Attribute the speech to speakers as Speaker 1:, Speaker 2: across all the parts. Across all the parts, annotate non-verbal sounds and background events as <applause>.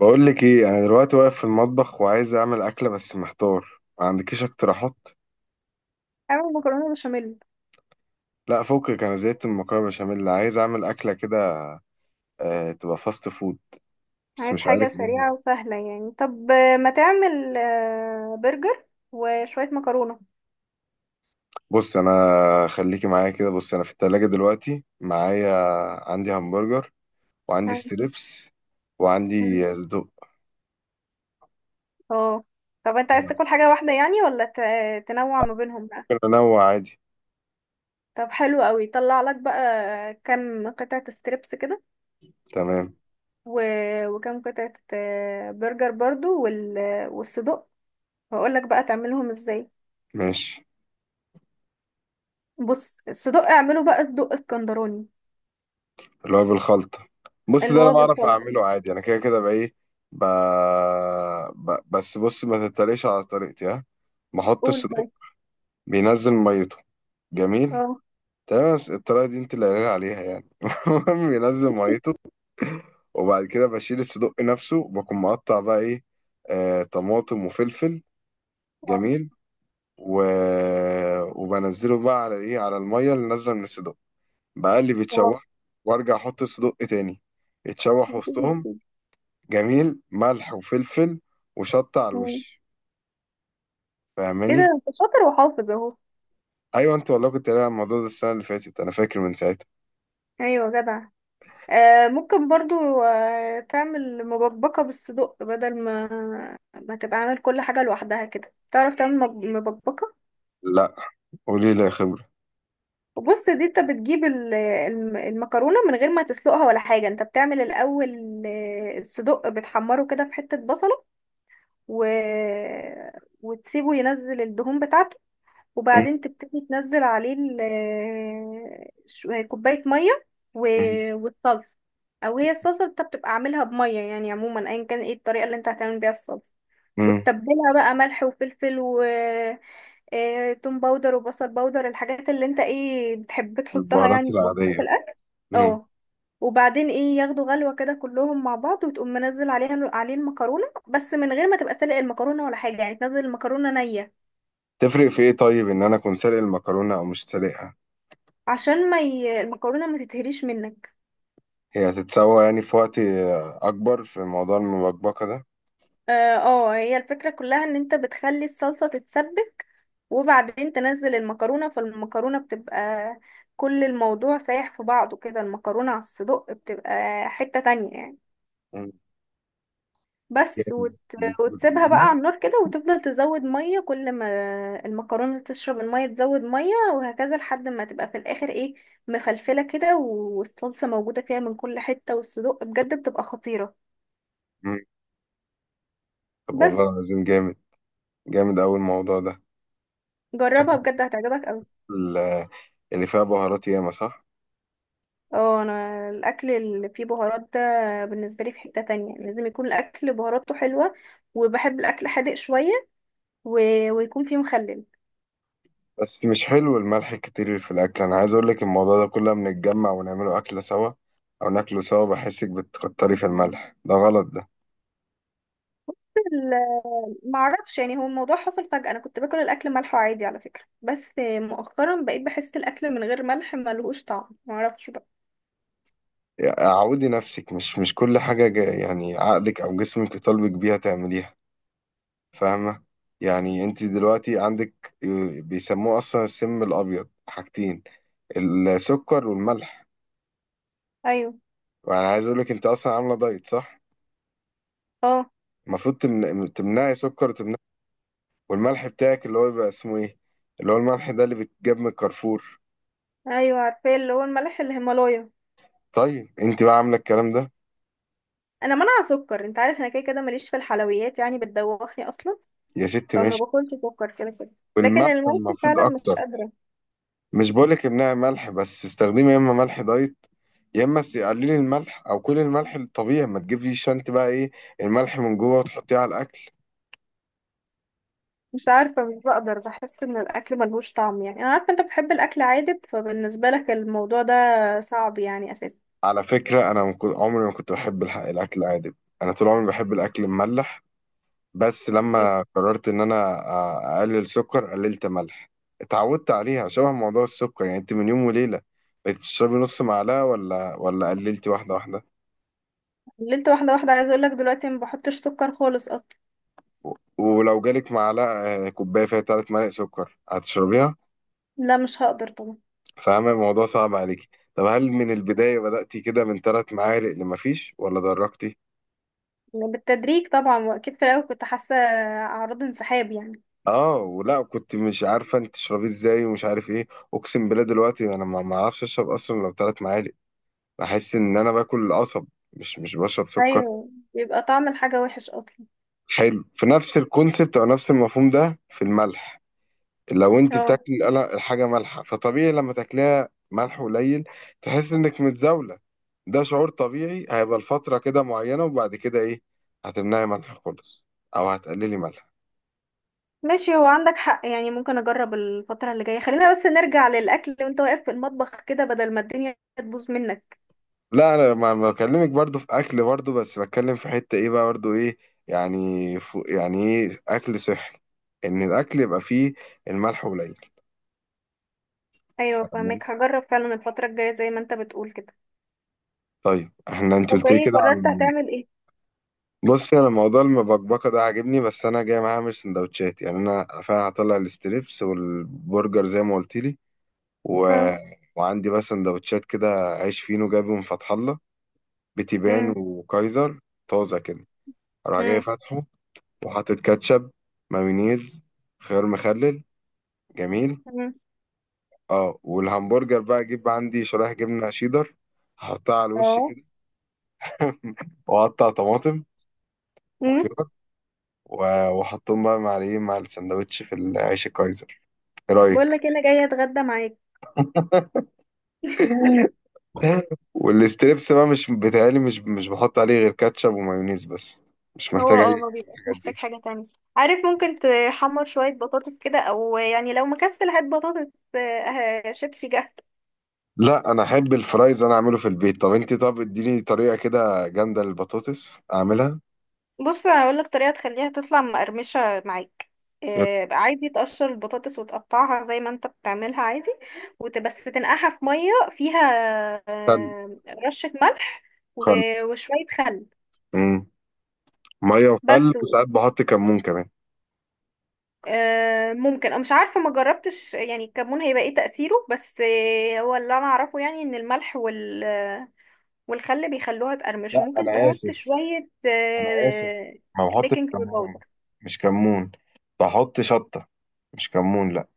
Speaker 1: بقول لك ايه، انا دلوقتي واقف في المطبخ وعايز اعمل اكله بس محتار. ما عندكيش اقتراحات؟
Speaker 2: اعمل مكرونة بشاميل.
Speaker 1: لا، فكك، انا زهقت من المكرونه بشاميل، عايز اعمل اكله كده. آه، تبقى فاست فود. بس
Speaker 2: عايز
Speaker 1: مش
Speaker 2: حاجة
Speaker 1: عارف ايه.
Speaker 2: سريعة وسهلة يعني، طب ما تعمل برجر وشوية مكرونة.
Speaker 1: بص انا، خليكي معايا كده، بص انا في التلاجة دلوقتي معايا. عندي همبرجر، وعندي
Speaker 2: اه.
Speaker 1: ستريبس،
Speaker 2: مم.
Speaker 1: وعندي صدوق.
Speaker 2: آه. طب انت عايز تاكل حاجة واحدة يعني ولا تنوع ما بينهم بقى؟
Speaker 1: ممكن انوع عادي.
Speaker 2: طب حلو قوي، طلع لك بقى كام قطعة ستريبس كده،
Speaker 1: تمام.
Speaker 2: و... وكام قطعة برجر برضو والصدق، واقول لك بقى تعملهم ازاي.
Speaker 1: ماشي.
Speaker 2: بص، الصدق اعمله بقى صدق اسكندراني،
Speaker 1: اللي هو بالخلطة. بص،
Speaker 2: اللي
Speaker 1: ده انا
Speaker 2: هو
Speaker 1: بعرف
Speaker 2: بالخلطة.
Speaker 1: اعمله عادي، انا كده كده بقى ايه. ب... بس بص، ما تتريقش على طريقتي، ها. بحط
Speaker 2: قول
Speaker 1: الصدوق.
Speaker 2: طيب.
Speaker 1: بينزل ميته. جميل.
Speaker 2: اه.
Speaker 1: تمام، بس الطريقة دي انت اللي قايل عليها يعني <laughs> المهم بينزل ميته. وبعد كده بشيل الصدوق نفسه وبكون مقطع بقى ايه. آه، طماطم وفلفل.
Speaker 2: اه.
Speaker 1: جميل. و... وبنزله بقى على ايه، على المية اللي نازلة من الصدوق. بقلب يتشوح. وارجع احط الصدوق تاني. يتشوح وسطهم.
Speaker 2: آه.
Speaker 1: جميل، ملح وفلفل. وشطة على
Speaker 2: مم.
Speaker 1: الوش.
Speaker 2: ايه ده،
Speaker 1: فاهماني؟
Speaker 2: انت شاطر وحافظ اهو.
Speaker 1: ايوه، انت والله كنت قايل على الموضوع ده السنة اللي فاتت، انا فاكر من ساعتها.
Speaker 2: ايوه جدع. آه، ممكن برضو تعمل مبكبكة بالصدق، بدل ما ما تبقى عامل كل حاجة لوحدها كده. تعرف تعمل مبكبكة؟
Speaker 1: لا، قولي لي يا خبرة.
Speaker 2: وبص، دي انت بتجيب المكرونة من غير ما تسلقها ولا حاجة. انت بتعمل الأول الصدق بتحمره كده في حتة بصلة، و... وتسيبه ينزل الدهون بتاعته،
Speaker 1: م-
Speaker 2: وبعدين تبتدي تنزل عليه كوباية مية
Speaker 1: م-
Speaker 2: والصلصة. أو هي الصلصة انت بتبقى عاملها بمية يعني، عموما أيا كان ايه الطريقة اللي انت هتعمل بيها الصلصة،
Speaker 1: م.
Speaker 2: وتتبلها بقى ملح وفلفل و توم باودر وبصل باودر، الحاجات اللي انت ايه بتحب تحطها
Speaker 1: البهارات
Speaker 2: يعني بهارات
Speaker 1: العادية.
Speaker 2: في الأكل.
Speaker 1: م.
Speaker 2: اه. وبعدين ايه، ياخدوا غلوة كده كلهم مع بعض، وتقوم منزل عليها عليه المكرونة، بس من غير ما تبقى سلق المكرونة ولا حاجة، يعني تنزل المكرونة نية.
Speaker 1: تفرق في ايه، طيب ان انا اكون سالق المكرونة او مش سالقها؟
Speaker 2: عشان ما ي... المكرونه ما تتهريش منك.
Speaker 1: هي هتتسوى يعني في وقت اكبر في موضوع المبكبكة ده.
Speaker 2: اه، هي الفكرة كلها ان انت بتخلي الصلصة تتسبك، وبعدين تنزل المكرونة، فالمكرونة بتبقى، كل الموضوع سايح في بعضه كده، المكرونة على الصدق بتبقى حتة تانية يعني.
Speaker 1: م.
Speaker 2: بس
Speaker 1: جامد
Speaker 2: وت...
Speaker 1: مش
Speaker 2: وتسيبها بقى
Speaker 1: بتقوليني؟
Speaker 2: على النار كده، وتفضل تزود مية كل ما المكرونة تشرب المية تزود مية، وهكذا لحد ما تبقى في الآخر ايه، مفلفلة كده والصلصة موجودة فيها من كل حتة، والصدق بجد بتبقى خطيرة.
Speaker 1: م. طب والله
Speaker 2: بس
Speaker 1: العظيم جامد. جامد اوي الموضوع ده.
Speaker 2: جربها
Speaker 1: شكلك
Speaker 2: بجد، هتعجبك.
Speaker 1: ال- اللي فيها بهارات ياما صح.
Speaker 2: اه، انا الاكل اللي فيه بهارات ده بالنسبه لي في حته تانية. لازم يكون الاكل بهاراته حلوه، وبحب الاكل حادق شويه، و... ويكون فيه مخلل.
Speaker 1: بس مش حلو الملح الكتير في الأكل، أنا عايز أقولك الموضوع ده كله لما نتجمع ونعمله أكلة سوا أو ناكله سوا، بحسك بتكتري في الملح، ده غلط ده.
Speaker 2: ما اعرفش يعني، هو الموضوع حصل فجاه. انا كنت باكل الاكل ملح عادي على فكره، بس مؤخرا بقيت بحس الاكل من غير ملح ملهوش طعم، ما اعرفش بقى.
Speaker 1: يعني عودي نفسك، مش كل حاجة يعني عقلك أو جسمك يطالبك بيها تعمليها، فاهمة؟ يعني أنت دلوقتي عندك بيسموه أصلا السم الأبيض، حاجتين: السكر والملح.
Speaker 2: ايوه.
Speaker 1: وأنا عايز أقولك أنت أصلا عاملة دايت، صح؟
Speaker 2: اه.
Speaker 1: المفروض تمنعي سكر وتمنعي. والملح بتاعك اللي هو بيبقى اسمه ايه، اللي هو الملح ده اللي بيتجاب من الكارفور،
Speaker 2: ايوه عارفه، اللي هو الملح الهيمالايا.
Speaker 1: طيب انت بقى عامله الكلام ده؟
Speaker 2: انا منع سكر انت عارف، انا كده كده ماليش في الحلويات يعني، بتدوخني اصلا،
Speaker 1: يا ست
Speaker 2: فما
Speaker 1: ماشي،
Speaker 2: باكلش سكر كده كده. لكن
Speaker 1: والملح
Speaker 2: الملح
Speaker 1: المفروض
Speaker 2: فعلا مش
Speaker 1: اكتر.
Speaker 2: قادره.
Speaker 1: مش بقولك امنعي ملح، بس استخدمي يا اما ملح دايت، يا اما قللي الملح، او كل الملح الطبيعي ما تجيبيش انت بقى ايه الملح من جوه وتحطيه على الاكل.
Speaker 2: مش عارفة، مش بقدر، بحس ان الاكل ملهوش طعم يعني. انا عارفة انت بتحب الاكل عادب، فبالنسبة لك الموضوع ده صعب يعني اساسا.
Speaker 1: على فكره، انا ما كنت- عمري ما كنت بحب الاكل العادي. انا طول عمري بحب الاكل المملح. بس لما قررت ان انا اقلل سكر، قللت ملح. اتعودت عليها. شبه موضوع السكر، يعني انت من يوم وليله بقيت تشربي نص معلقه، ولا قللتي واحده واحده؟
Speaker 2: قللت واحدة واحدة، عايزة اقولك دلوقتي ما بحطش سكر خالص اصلا.
Speaker 1: ولو جالك معلقه، كوبايه فيها ثلاث معالق سكر، هتشربيها؟
Speaker 2: لا مش هقدر طبعا.
Speaker 1: فاهمه الموضوع صعب عليكي. طب هل من البدايه بدأتي كده من ثلاث معالق، لما فيش، ولا درجتي؟
Speaker 2: يعني بالتدريج طبعا، واكيد في الاول كنت حاسة اعراض انسحاب يعني.
Speaker 1: اه، ولا كنت مش عارفه انت تشربيه ازاي ومش عارف ايه؟ اقسم بالله دلوقتي انا ما اعرفش اشرب اصلا لو ثلاث معالق. بحس ان انا باكل قصب، مش بشرب سكر.
Speaker 2: ايوه، بيبقى طعم الحاجة وحش اصلا.
Speaker 1: حلو، في نفس الكونسبت او نفس المفهوم ده في الملح. لو انت
Speaker 2: اه
Speaker 1: بتاكل الحاجه مالحه، فطبيعي لما تاكلها ملح قليل تحس انك متزاوله. ده شعور طبيعي هيبقى لفتره كده معينه، وبعد كده ايه، هتمنعي ملح خالص، او هتقللي ملح.
Speaker 2: ماشي، هو عندك حق يعني، ممكن اجرب الفترة اللي جاية. خلينا بس نرجع للاكل وانت واقف في المطبخ كده، بدل ما الدنيا تبوظ منك.
Speaker 1: لا، انا ما بكلمك برضو في اكل برضو، بس بتكلم في حته ايه بقى برضو ايه، يعني يعني ايه اكل صحي، ان الاكل يبقى فيه الملح
Speaker 2: ايوه
Speaker 1: قليل.
Speaker 2: فاهمك، هجرب فعلا الفترة الجاية زي ما انت بتقول كده.
Speaker 1: طيب احنا انت
Speaker 2: طب
Speaker 1: قلت لي
Speaker 2: ايه،
Speaker 1: كده
Speaker 2: قررت
Speaker 1: عن،
Speaker 2: هتعمل ايه؟
Speaker 1: بصي انا موضوع المبكبكه ده عاجبني، بس انا جاي معايا اعمل سندوتشات يعني، انا فعلا هطلع الستريبس والبرجر زي ما قلت لي. و...
Speaker 2: اه.
Speaker 1: وعندي بقى سندوتشات كده. عيش فينو جايبه من فتح الله، بتيبان
Speaker 2: مم.
Speaker 1: وكايزر طازه كده. اروح جاي
Speaker 2: مم.
Speaker 1: فاتحه، وحاطط كاتشب، مايونيز، خيار مخلل. جميل.
Speaker 2: مم.
Speaker 1: اه، والهمبرجر بقى اجيب عندي شرايح جبنه شيدر، احطها على الوش
Speaker 2: اه.
Speaker 1: كده. <laughs> واقطع طماطم
Speaker 2: مم.
Speaker 1: وخيار، وحطهم بقى مع الايه، مع السندوتش في العيش الكايزر. ايه
Speaker 2: بقول
Speaker 1: رايك؟
Speaker 2: لك انا جايه اتغدى معاك.
Speaker 1: <laughs> والستريبس بقى مش بتهيألي، مش بحط عليه غير كاتشب ومايونيز بس، مش
Speaker 2: هو
Speaker 1: محتاج
Speaker 2: اه،
Speaker 1: اي
Speaker 2: ما
Speaker 1: حاجة من
Speaker 2: بيبقاش
Speaker 1: الحاجات
Speaker 2: محتاج
Speaker 1: دي.
Speaker 2: حاجة تانية. عارف، ممكن تحمر شوية بطاطس كده، او يعني لو مكسل هات بطاطس شيبسي جاهز.
Speaker 1: لا انا احب الفرايز، انا اعمله في البيت. طب انت، طب اديني طريقه كده جامده للبطاطس اعملها.
Speaker 2: بص هقول لك طريقة تخليها تطلع مقرمشة معاك.
Speaker 1: يا،
Speaker 2: بقى عادي تقشر البطاطس وتقطعها زي ما انت بتعملها عادي، وبس تنقعها في مية فيها
Speaker 1: خل.
Speaker 2: آه، رشة ملح
Speaker 1: خل.
Speaker 2: وشوية خل.
Speaker 1: مم. ميه وخل،
Speaker 2: بس
Speaker 1: وساعات بحط كمون كمان.
Speaker 2: ممكن، انا مش عارفه ما جربتش يعني الكمون هيبقى ايه تاثيره، بس هو اللي انا اعرفه يعني ان الملح وال، والخل بيخلوها تقرمش.
Speaker 1: لا
Speaker 2: ممكن
Speaker 1: انا
Speaker 2: تحط
Speaker 1: اسف،
Speaker 2: شويه
Speaker 1: انا اسف، ما بحطش
Speaker 2: بيكنج باودر.
Speaker 1: كمون، مش كمون، بحط شطه، مش كمون لا.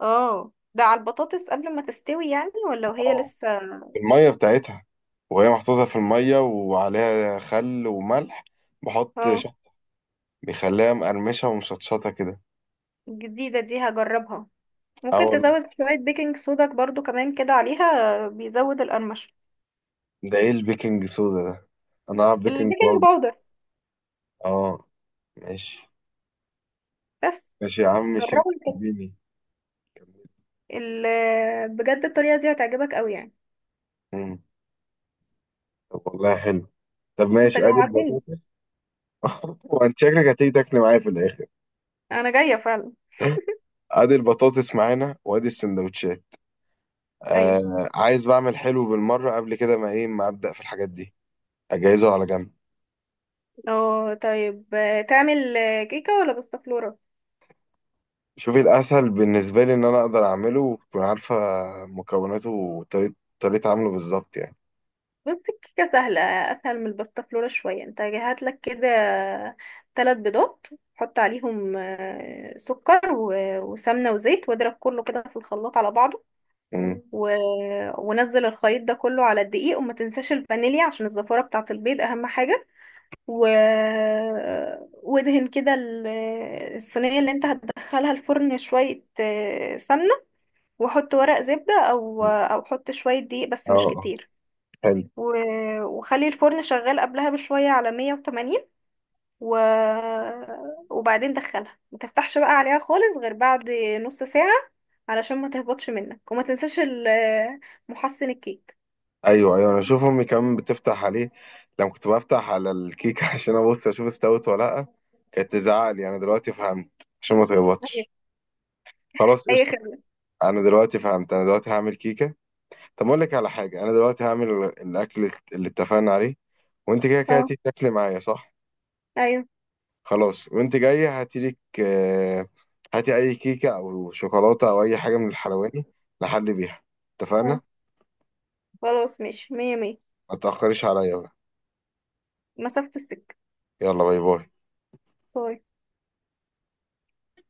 Speaker 2: اه ده على البطاطس قبل ما تستوي يعني، ولا وهي
Speaker 1: اه،
Speaker 2: لسه؟
Speaker 1: المية بتاعتها، وهي محطوطة في المية وعليها خل وملح، بحط
Speaker 2: اه.
Speaker 1: شط. بيخليها مقرمشة ومشطشطة كده.
Speaker 2: الجديده دي هجربها، ممكن
Speaker 1: أول،
Speaker 2: تزود شويه بيكنج صودا برضو كمان كده عليها، بيزود القرمشه.
Speaker 1: ده إيه البيكنج سودا ده؟ أنا أعرف بيكنج
Speaker 2: البيكنج
Speaker 1: باودر.
Speaker 2: باودر.
Speaker 1: أه، ماشي.
Speaker 2: بس
Speaker 1: ماشي يا عم شيف،
Speaker 2: جربوا كده،
Speaker 1: اديني.
Speaker 2: بجد الطريقه دي هتعجبك قوي يعني.
Speaker 1: مم. طب والله حلو. طب
Speaker 2: انت
Speaker 1: ماشي، أدي
Speaker 2: جوعتني،
Speaker 1: البطاطس. <laughs> وأنت شكلك هتيجي تاكل معايا في الآخر.
Speaker 2: انا جايه فعلا.
Speaker 1: أدي البطاطس معانا، وأدي السندوتشات.
Speaker 2: ايوه.
Speaker 1: آه، عايز بعمل حلو بالمرة، قبل كده ما إيه، ما أبدأ في الحاجات دي، أجهزه على جنب.
Speaker 2: اه طيب، تعمل كيكه ولا باستا فلورا؟
Speaker 1: شوفي الأسهل بالنسبة لي إن أنا أقدر أعمله وتكون عارفة مكوناته وطريقة، طريقة عمله بالظبط يعني.
Speaker 2: بص الكيكه سهله، اسهل من الباستا فلورا شويه. انت هات لك كده ثلاث بيضات، حط عليهم سكر وسمنه وزيت، واضرب كله كده في الخلاط على بعضه.
Speaker 1: مم.
Speaker 2: و... ونزل الخليط ده كله على الدقيق، وما تنساش الفانيليا عشان الزفاره بتاعه البيض، اهم حاجه. و... وادهن كده الصينيه اللي انت هتدخلها الفرن شويه سمنه، واحط ورق زبدة او
Speaker 1: مم.
Speaker 2: او احط شوية دقيق بس
Speaker 1: اه،
Speaker 2: مش كتير.
Speaker 1: حلو.
Speaker 2: و... وخلي الفرن شغال قبلها بشوية على 180، و... وبعدين دخلها، ما تفتحش بقى عليها خالص غير بعد نص ساعة، علشان ما تهبطش منك. وما تنساش محسن الكيك.
Speaker 1: أيوه أيوه، أنا أشوف أمي كمان بتفتح عليه. لما كنت بفتح على الكيكة <laughs> عشان أبص أشوف استوت ولا لأ، كانت تزعق لي. أنا دلوقتي فهمت، عشان ما
Speaker 2: أيوة.
Speaker 1: تغلطش. خلاص،
Speaker 2: اي
Speaker 1: قشطة.
Speaker 2: خدمة.
Speaker 1: أنا دلوقتي فهمت، أنا دلوقتي هعمل كيكة. طب أقول لك على حاجة، أنا دلوقتي هعمل الأكل اللي اتفقنا عليه، وأنت كده كده
Speaker 2: اه.
Speaker 1: هتيجي تاكلي معايا صح؟
Speaker 2: ايوه.
Speaker 1: خلاص، وانت جاية هاتي لك هاتي اي كيكة او شوكولاتة او اي حاجة من الحلواني لحد بيها.
Speaker 2: اه.
Speaker 1: اتفقنا.
Speaker 2: خلاص ماشي، مية مية.
Speaker 1: ما تأخريش عليا بقى.
Speaker 2: مسافة السكة.
Speaker 1: يلا باي باي.
Speaker 2: باي.